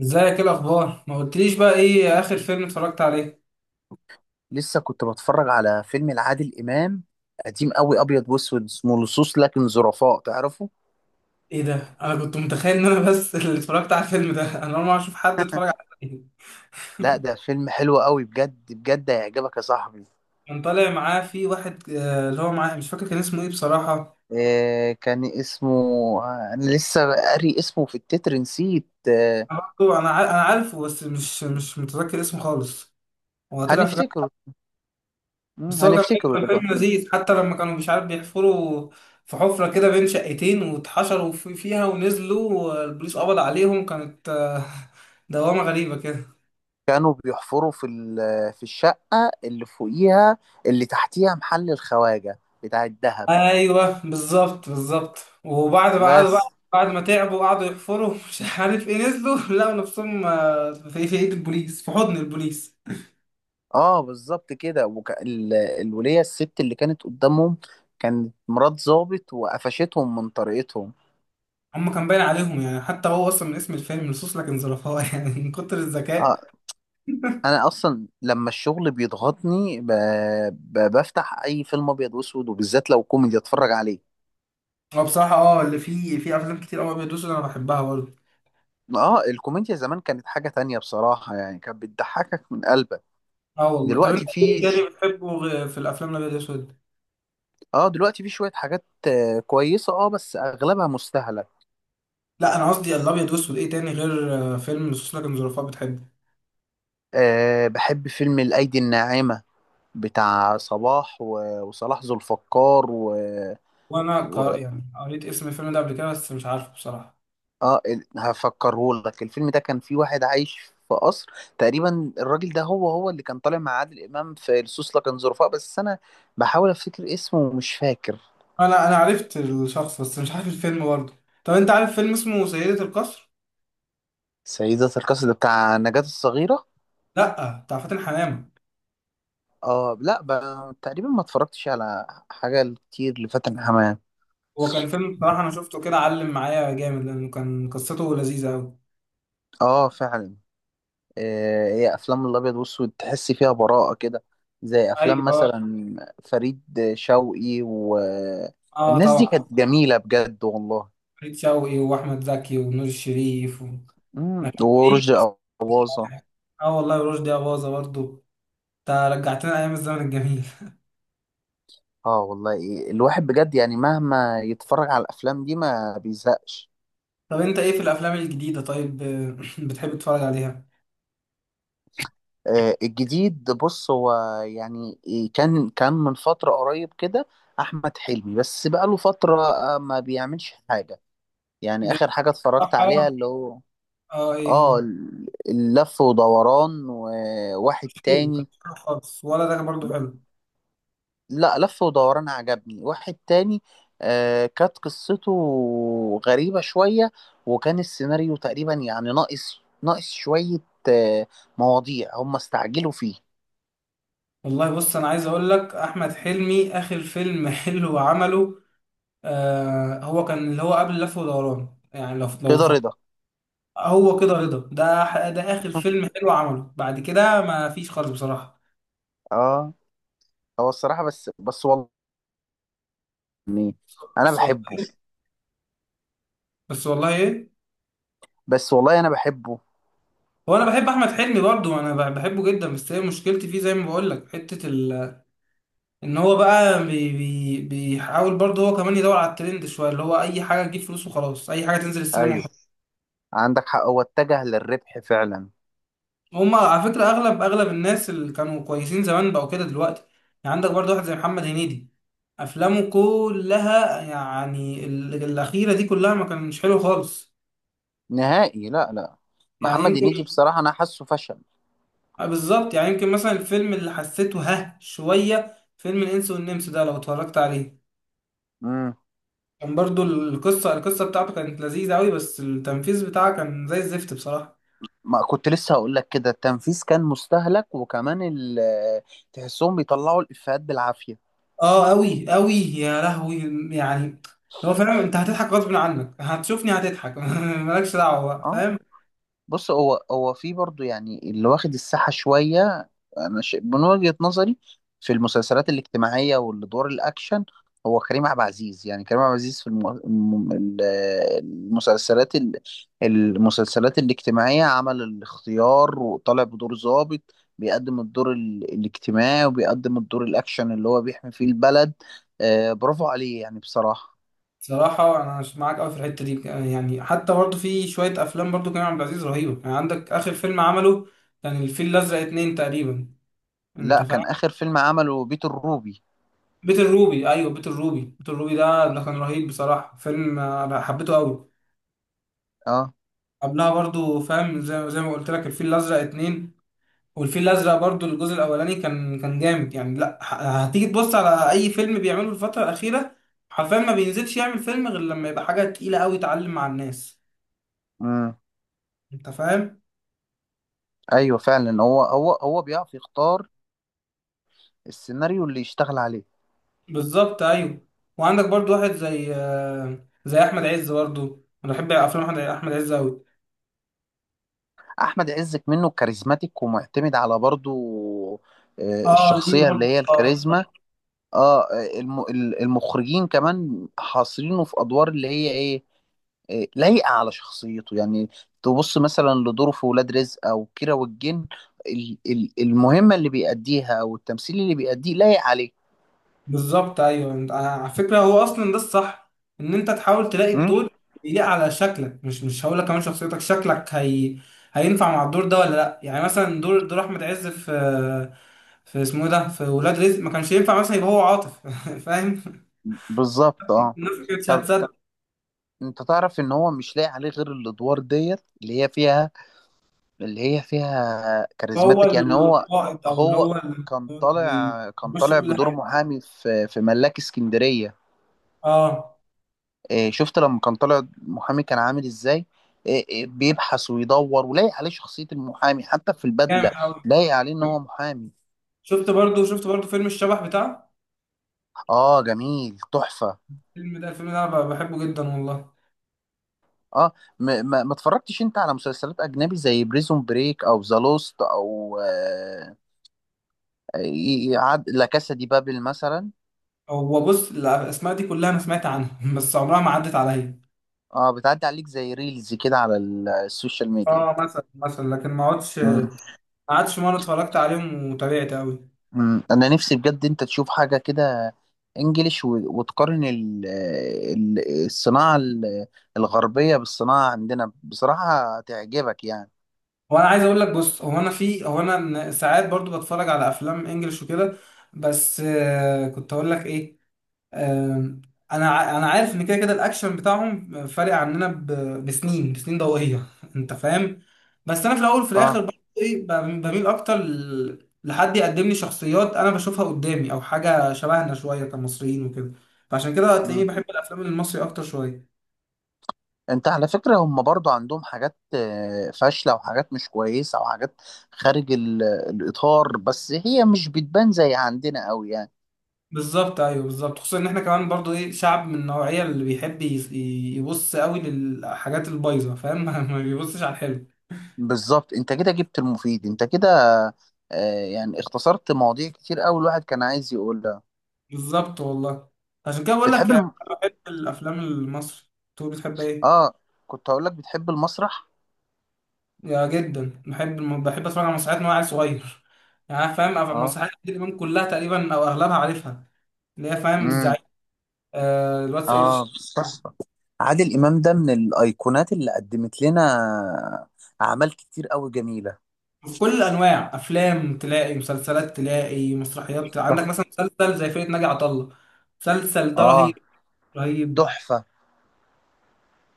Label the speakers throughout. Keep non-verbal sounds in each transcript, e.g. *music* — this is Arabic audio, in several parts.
Speaker 1: ازيك؟ ايه الاخبار؟ ما قلتليش بقى ايه اخر فيلم اتفرجت عليه؟
Speaker 2: لسه كنت بتفرج على فيلم لعادل إمام قديم قوي، أبيض وأسود، اسمه لصوص لكن ظرفاء، تعرفه؟
Speaker 1: ايه ده؟ انا كنت متخيل ان انا بس *laughs* اللي اتفرجت على الفيلم ده. انا اول مره اشوف حد اتفرج على الفيلم.
Speaker 2: لا، ده فيلم حلو قوي بجد بجد، هيعجبك يا صاحبي.
Speaker 1: كان طالع معاه في واحد، اللي هو معاه، مش فاكر كان اسمه ايه بصراحه.
Speaker 2: آه كان اسمه، أنا لسه قاري اسمه في التتر، نسيت. آه،
Speaker 1: انا برضه، انا عارفه، بس مش متذكر اسمه خالص. هو طلع في كام-
Speaker 2: هنفتكره.
Speaker 1: بس هو كان فيلم،
Speaker 2: هنفتكره
Speaker 1: كان
Speaker 2: دلوقتي.
Speaker 1: فيلم لذيذ. حتى لما كانوا، مش عارف، بيحفروا في حفره كده بين شقتين واتحشروا فيها ونزلوا، والبوليس قبض عليهم. كانت *laughs* دوامه غريبه كده.
Speaker 2: كانوا بيحفروا في الشقة اللي فوقيها، اللي تحتيها محل الخواجة بتاع الذهب.
Speaker 1: ايوه، بالظبط بالظبط. وبعد ما قعدوا بقى،
Speaker 2: بس
Speaker 1: بعد ما تعبوا وقعدوا يحفروا، مش عارف ايه، نزلوا *laughs* لقوا نفسهم، في ايد البوليس، في حضن البوليس.
Speaker 2: اه، بالظبط كده. الولية الست اللي كانت قدامهم، كانت مرات ضابط، وقفشتهم من طريقتهم.
Speaker 1: هم كان باين عليهم يعني، حتى هو اصلا من اسم الفيلم لصوص لكن ظرفاء *laughs* يعني من كتر الذكاء.
Speaker 2: اه، انا اصلا لما الشغل بيضغطني بفتح اي فيلم ابيض واسود، وبالذات لو كوميدي، اتفرج عليه.
Speaker 1: هو بصراحه اه اللي فيه، في افلام كتير قوي ابيض واسود انا بحبها برضه.
Speaker 2: اه، الكوميديا زمان كانت حاجة تانية بصراحة، يعني كانت بتضحكك من قلبك.
Speaker 1: اه والله. طب انت
Speaker 2: دلوقتي
Speaker 1: ايه
Speaker 2: في،
Speaker 1: تاني بتحبه في الافلام الابيض واسود؟
Speaker 2: اه دلوقتي في شوية حاجات كويسة، اه بس اغلبها مستهلك.
Speaker 1: لا انا قصدي الابيض واسود، ايه تاني غير فيلم لصوص لكن ظرفاء بتحبه؟
Speaker 2: آه، بحب فيلم الايدي الناعمة، بتاع وصلاح ذو الفقار و...
Speaker 1: يعني قريت اسم الفيلم ده قبل كده، بس مش عارفه بصراحه.
Speaker 2: اه. هفكره لك، الفيلم ده كان فيه واحد عايش في قصر. تقريبا الراجل ده هو اللي كان طالع مع عادل امام في لصوص لكن ظرفاء، بس انا بحاول افتكر اسمه ومش فاكر.
Speaker 1: انا عرفت الشخص، بس مش عارف الفيلم برضه. طب انت عارف فيلم اسمه سيدة القصر؟
Speaker 2: سيدة القصر ده بتاع نجاة الصغيرة.
Speaker 1: لا، بتاع فاتن حمامة.
Speaker 2: اه لا تقريبا ما اتفرجتش على حاجة كتير لفاتن حمام.
Speaker 1: هو كان فيلم بصراحة انا شفته كده علم معايا جامد، لانه كان قصته لذيذة قوي.
Speaker 2: اه فعلا. هي افلام الابيض والاسود تحس فيها براءه كده، زي افلام
Speaker 1: ايوه.
Speaker 2: مثلا فريد شوقي،
Speaker 1: اه
Speaker 2: والناس دي
Speaker 1: طبعا.
Speaker 2: كانت جميله بجد والله.
Speaker 1: فريد شوقي واحمد زكي ونور الشريف و... ما كان في.
Speaker 2: ورشدي اباظه.
Speaker 1: اه والله، رشدي أباظة برضه. انت رجعتنا ايام الزمن الجميل.
Speaker 2: اه والله الواحد بجد يعني مهما يتفرج على الافلام دي ما بيزهقش.
Speaker 1: *laughs* طب انت ايه في الافلام الجديدة طيب *coughs* *laughs* بتحب تتفرج عليها؟
Speaker 2: الجديد، بص هو يعني كان من فتره قريب كده، احمد حلمي، بس بقاله فتره ما بيعملش حاجه. يعني اخر حاجه اتفرجت عليها
Speaker 1: بصراحة
Speaker 2: اللي هو
Speaker 1: اه، ايه هو؟
Speaker 2: اه، اللف ودوران، وواحد
Speaker 1: مش حلو؟ كان
Speaker 2: تاني.
Speaker 1: مش حلو خالص، ولا ده كان برضه
Speaker 2: ب-
Speaker 1: حلو؟
Speaker 2: لا، لف ودوران عجبني، واحد تاني آه كانت قصته غريبة شوية، وكان السيناريو تقريبا يعني ناقص شوية آه، مواضيع هم استعجلوا فيه.
Speaker 1: والله بص، انا عايز اقول لك احمد حلمي اخر فيلم *laughs* حلو عمله، آه هو كان اللي هو قبل لف ودوران. يعني لو لو
Speaker 2: كده
Speaker 1: تفكر،
Speaker 2: رضا.
Speaker 1: هو كده رضا، ده اخر فيلم
Speaker 2: *laughs*
Speaker 1: حلو عمله. بعد كده ما فيش خالص بصراحة.
Speaker 2: اه، هو الصراحة بس والله يعني، انا
Speaker 1: بس والله
Speaker 2: بحبه.
Speaker 1: إيه؟ بس والله ايه.
Speaker 2: بس والله انا بحبه.
Speaker 1: هو انا بحب احمد حلمي برضو، بحبه جدا، بس هي مشكلتي فيه زي ما بقول لك، حتة ال... ان هو بقى بيحاول برضو هو كمان يدور على الترند شوية، اللي هو اي حاجة تجيب فلوس وخلاص، اي حاجة تنزل السينما.
Speaker 2: ايوه، عندك حق، هو اتجه للربح فعلا.
Speaker 1: هما على فكرة أغلب الناس اللي كانوا كويسين زمان بقوا كده دلوقتي. يعني عندك برضه واحد زي محمد هنيدي، أفلامه كلها يعني الأخيرة دي كلها ما كانش حلو خالص.
Speaker 2: نهائي، لا لا،
Speaker 1: يعني
Speaker 2: محمد هنيدي
Speaker 1: يمكن،
Speaker 2: بصراحة انا حاسه فشل.
Speaker 1: آه بالظبط. يعني يمكن مثلا الفيلم اللي حسيته ها شوية، فيلم الإنس والنمس ده لو اتفرجت عليه،
Speaker 2: امم،
Speaker 1: كان برضه القصة، القصة بتاعته كانت لذيذة أوي، بس التنفيذ بتاعها كان زي الزفت بصراحة.
Speaker 2: ما كنت لسه هقول لك كده، التنفيذ كان مستهلك، وكمان تحسهم بيطلعوا الإفيهات بالعافية.
Speaker 1: اه قوي قوي، يا لهوي. يعني هو فعلا انت هتضحك غصب عنك، هتشوفني هتضحك *laughs* مالكش دعوه بقى،
Speaker 2: اه،
Speaker 1: فاهم؟
Speaker 2: بص، هو في برضو يعني اللي واخد الساحة شوية. من وجهة نظري في المسلسلات الاجتماعية والدور الأكشن، هو كريم عبد العزيز. يعني كريم عبد العزيز في المسلسلات ال... المسلسلات الاجتماعية عمل الاختيار، وطالع بدور ضابط، بيقدم الاجتماعي، وبيقدم الدور الأكشن اللي هو بيحمي فيه البلد. آه، برافو عليه يعني بصراحة.
Speaker 1: صراحه انا مش معاك قوي في الحته دي. يعني حتى برضه في شويه افلام برضه كريم عبد العزيز رهيبه. يعني عندك اخر فيلم عمله، كان الفيل الازرق اتنين تقريبا. انت
Speaker 2: لا،
Speaker 1: فاهم؟
Speaker 2: كان آخر فيلم عمله بيت الروبي.
Speaker 1: بيت الروبي، ايوه بيت الروبي. بيت الروبي ده كان رهيب بصراحه، فيلم انا حبيته قوي.
Speaker 2: اه
Speaker 1: قبلها برضه فاهم، زي ما قلت لك الفيل الازرق اتنين. والفيل الازرق برضو الجزء الاولاني كان جامد. يعني لا، هتيجي تبص على اي فيلم بيعمله الفتره الاخيره، حرفيا ما بينزلش يعمل فيلم غير لما يبقى حاجه تقيله قوي تعلم مع الناس. انت فاهم؟
Speaker 2: ايوه فعلا، هو بيعرف يختار السيناريو اللي يشتغل عليه.
Speaker 1: بالظبط ايوه. وعندك برضو واحد زي زي احمد عز برضو، انا بحب افلام احمد أحمد عز قوي.
Speaker 2: احمد عز منه كاريزماتيك، ومعتمد على برضو
Speaker 1: اه ليه
Speaker 2: الشخصيه اللي
Speaker 1: برضو
Speaker 2: هي
Speaker 1: اه.
Speaker 2: الكاريزما. اه المخرجين كمان حاصرينه في ادوار اللي هي ايه، لايقه على شخصيته يعني. تبص مثلا لدوره في ولاد رزق او كيرة والجن، المهمه اللي بيأديها او التمثيل اللي بيأديه لايق عليه.
Speaker 1: بالظبط ايوه. انت على فكره هو اصلا ده الصح، ان انت تحاول تلاقي
Speaker 2: مم؟
Speaker 1: الدور يليق على شكلك. مش هقول لك كمان شخصيتك، شكلك هي هينفع مع الدور ده ولا لا. يعني مثلا دور احمد عز في، في اسمه إيه ده، في ولاد رزق، ما كانش ينفع مثلا يبقى هو عاطف. *laughs* فاهم؟
Speaker 2: بالظبط اه.
Speaker 1: الناس ما كانتش
Speaker 2: طب
Speaker 1: هتصدق.
Speaker 2: انت تعرف ان هو مش لاقي عليه غير الادوار ديت، اللي هي فيها، اللي هي فيها
Speaker 1: هو
Speaker 2: كاريزماتيك، يعني هو.
Speaker 1: القائد او اللي
Speaker 2: هو
Speaker 1: هو
Speaker 2: كان
Speaker 1: اللي
Speaker 2: طالع كان
Speaker 1: بيمشي
Speaker 2: طالع
Speaker 1: كل
Speaker 2: بدور
Speaker 1: حاجه.
Speaker 2: محامي في في ملاك اسكندرية.
Speaker 1: اه
Speaker 2: اه، شفت لما كان طالع محامي كان عامل ازاي؟ اه، اه، بيبحث ويدور، ولاقي عليه شخصية المحامي حتى في
Speaker 1: جامد
Speaker 2: البدلة.
Speaker 1: قوي.
Speaker 2: لاقي عليه ان هو محامي.
Speaker 1: شفت برضو، شفت برضو فيلم الشبح بتاعه؟
Speaker 2: اه جميل، تحفة.
Speaker 1: الفيلم ده الفيلم ده انا بحبه جدا والله.
Speaker 2: اه ما اتفرجتش انت على مسلسلات اجنبي زي بريزون بريك، او ذا لوست، او يعد لا كاسا دي بابل مثلا.
Speaker 1: هو بص الاسماء دي كلها انا سمعت عنها، *laughs* بس عمرها ما عدت عليا.
Speaker 2: اه، بتعدي عليك زي ريلز كده على السوشيال ميديا.
Speaker 1: اه مثلا، مثلا. لكن ما اقعدش،
Speaker 2: مم.
Speaker 1: ما قعدتش مره اتفرجت عليهم وتابعت قوي.
Speaker 2: مم. انا نفسي بجد انت تشوف حاجه كده انجليش، وتقارن الصناعه الغربيه بالصناعه عندنا، بصراحه تعجبك يعني.
Speaker 1: هو انا عايز اقول لك، بص هو انا في، هو انا ساعات برضو بتفرج على افلام انجلش وكده. بس كنت اقول لك ايه، آم، انا عارف ان كده كده الاكشن بتاعهم فارق عننا، بسنين، بسنين ضوئيه. *laughs* انت فاهم؟ بس انا في الاول وفي الاخر
Speaker 2: اه.
Speaker 1: برضه ايه، بميل اكتر لحد يقدم لي شخصيات انا بشوفها قدامي، او حاجه شبهنا شويه كمصريين وكده. فعشان كده هتلاقيني
Speaker 2: مم.
Speaker 1: بحب الافلام المصري اكتر شويه.
Speaker 2: انت على فكره هم برضو عندهم حاجات فاشله، وحاجات مش كويسه، وحاجات خارج الاطار، بس هي مش بتبان زي عندنا قوي يعني.
Speaker 1: بالظبط ايوه، بالظبط. خصوصا ان احنا كمان برضو ايه، شعب من النوعيه اللي بيحب يبص قوي للحاجات البايظه، فاهم؟ *laughs* ما بيبصش على الحلو.
Speaker 2: بالظبط، انت كده جبت المفيد، انت كده آه يعني اختصرت مواضيع كتير قوي الواحد كان عايز يقولها.
Speaker 1: بالظبط والله. عشان كده بقول لك
Speaker 2: بتحب
Speaker 1: يعني،
Speaker 2: الم...
Speaker 1: انا بحب الافلام المصري. انت بتحب ايه؟
Speaker 2: اه، كنت هقول لك بتحب المسرح؟
Speaker 1: يا جدا بحب، بحب اتفرج على مسرحيات من وانا عيل صغير. *laughs* يعني أنا فاهم
Speaker 2: اه.
Speaker 1: مسرحيات عادل امام كلها تقريبا او اغلبها عارفها، اللي هي فاهم
Speaker 2: امم.
Speaker 1: الزعيم، آه الواد سيد
Speaker 2: اه، تحفه. عادل امام ده من الايقونات اللي قدمت لنا اعمال كتير قوي جميله.
Speaker 1: في كل الانواع. افلام تلاقي، مسلسلات تلاقي، مسرحيات. عندك
Speaker 2: صح.
Speaker 1: مثلا مسلسل زي فرقه ناجي عطا الله، مسلسل ده
Speaker 2: اه،
Speaker 1: رهيب، رهيب.
Speaker 2: تحفه.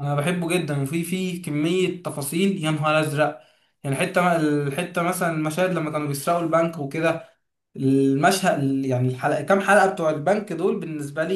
Speaker 1: انا بحبه جدا، وفي في كميه تفاصيل، يا نهار ازرق. يعني حته، الحته مثلا المشاهد لما كانوا بيسرقوا البنك وكده، المشهد يعني الحلقه، كام حلقه بتوع البنك دول بالنسبه لي،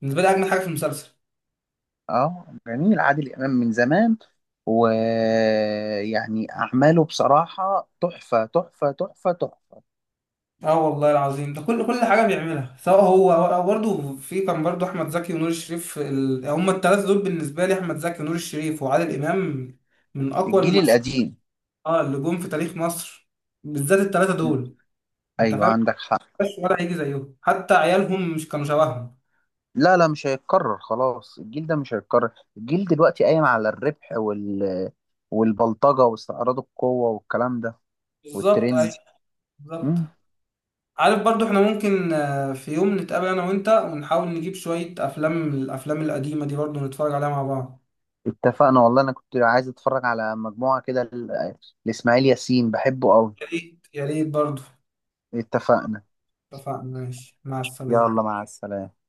Speaker 1: بالنسبه لي اجمل حاجه في المسلسل.
Speaker 2: اه جميل، عادل امام من زمان، ويعني اعماله بصراحه تحفه.
Speaker 1: اه والله العظيم، ده كل حاجه بيعملها، سواء هو أو برضه في كان برضه احمد زكي ونور الشريف، ال... هما الثلاثه دول بالنسبه لي: احمد زكي ونور الشريف وعادل امام، من اقوى
Speaker 2: الجيل
Speaker 1: الممثلين
Speaker 2: القديم.
Speaker 1: اه اللي جم في تاريخ مصر. بالذات الثلاثه دول، انت
Speaker 2: ايوه
Speaker 1: فاهم؟
Speaker 2: عندك حق.
Speaker 1: بس ولا هيجي زيهم، حتى عيالهم مش كانوا شبههم.
Speaker 2: لا لا، مش هيتكرر خلاص، الجيل ده مش هيتكرر. الجيل دلوقتي قايم على الربح، والبلطجة واستعراض القوة والكلام ده.
Speaker 1: بالظبط
Speaker 2: والترند.
Speaker 1: ايوه، بالظبط.
Speaker 2: مم.
Speaker 1: عارف برضو احنا ممكن في يوم نتقابل انا وانت، ونحاول نجيب شوية افلام من الافلام القديمة دي برضو نتفرج عليها مع بعض.
Speaker 2: اتفقنا والله، انا كنت عايز اتفرج على مجموعة كده لإسماعيل ياسين، بحبه قوي.
Speaker 1: يا ريت، يا ريت برضو.
Speaker 2: اتفقنا.
Speaker 1: اتفقنا، ماشي، مع السلامة.
Speaker 2: يلا، مع السلامة.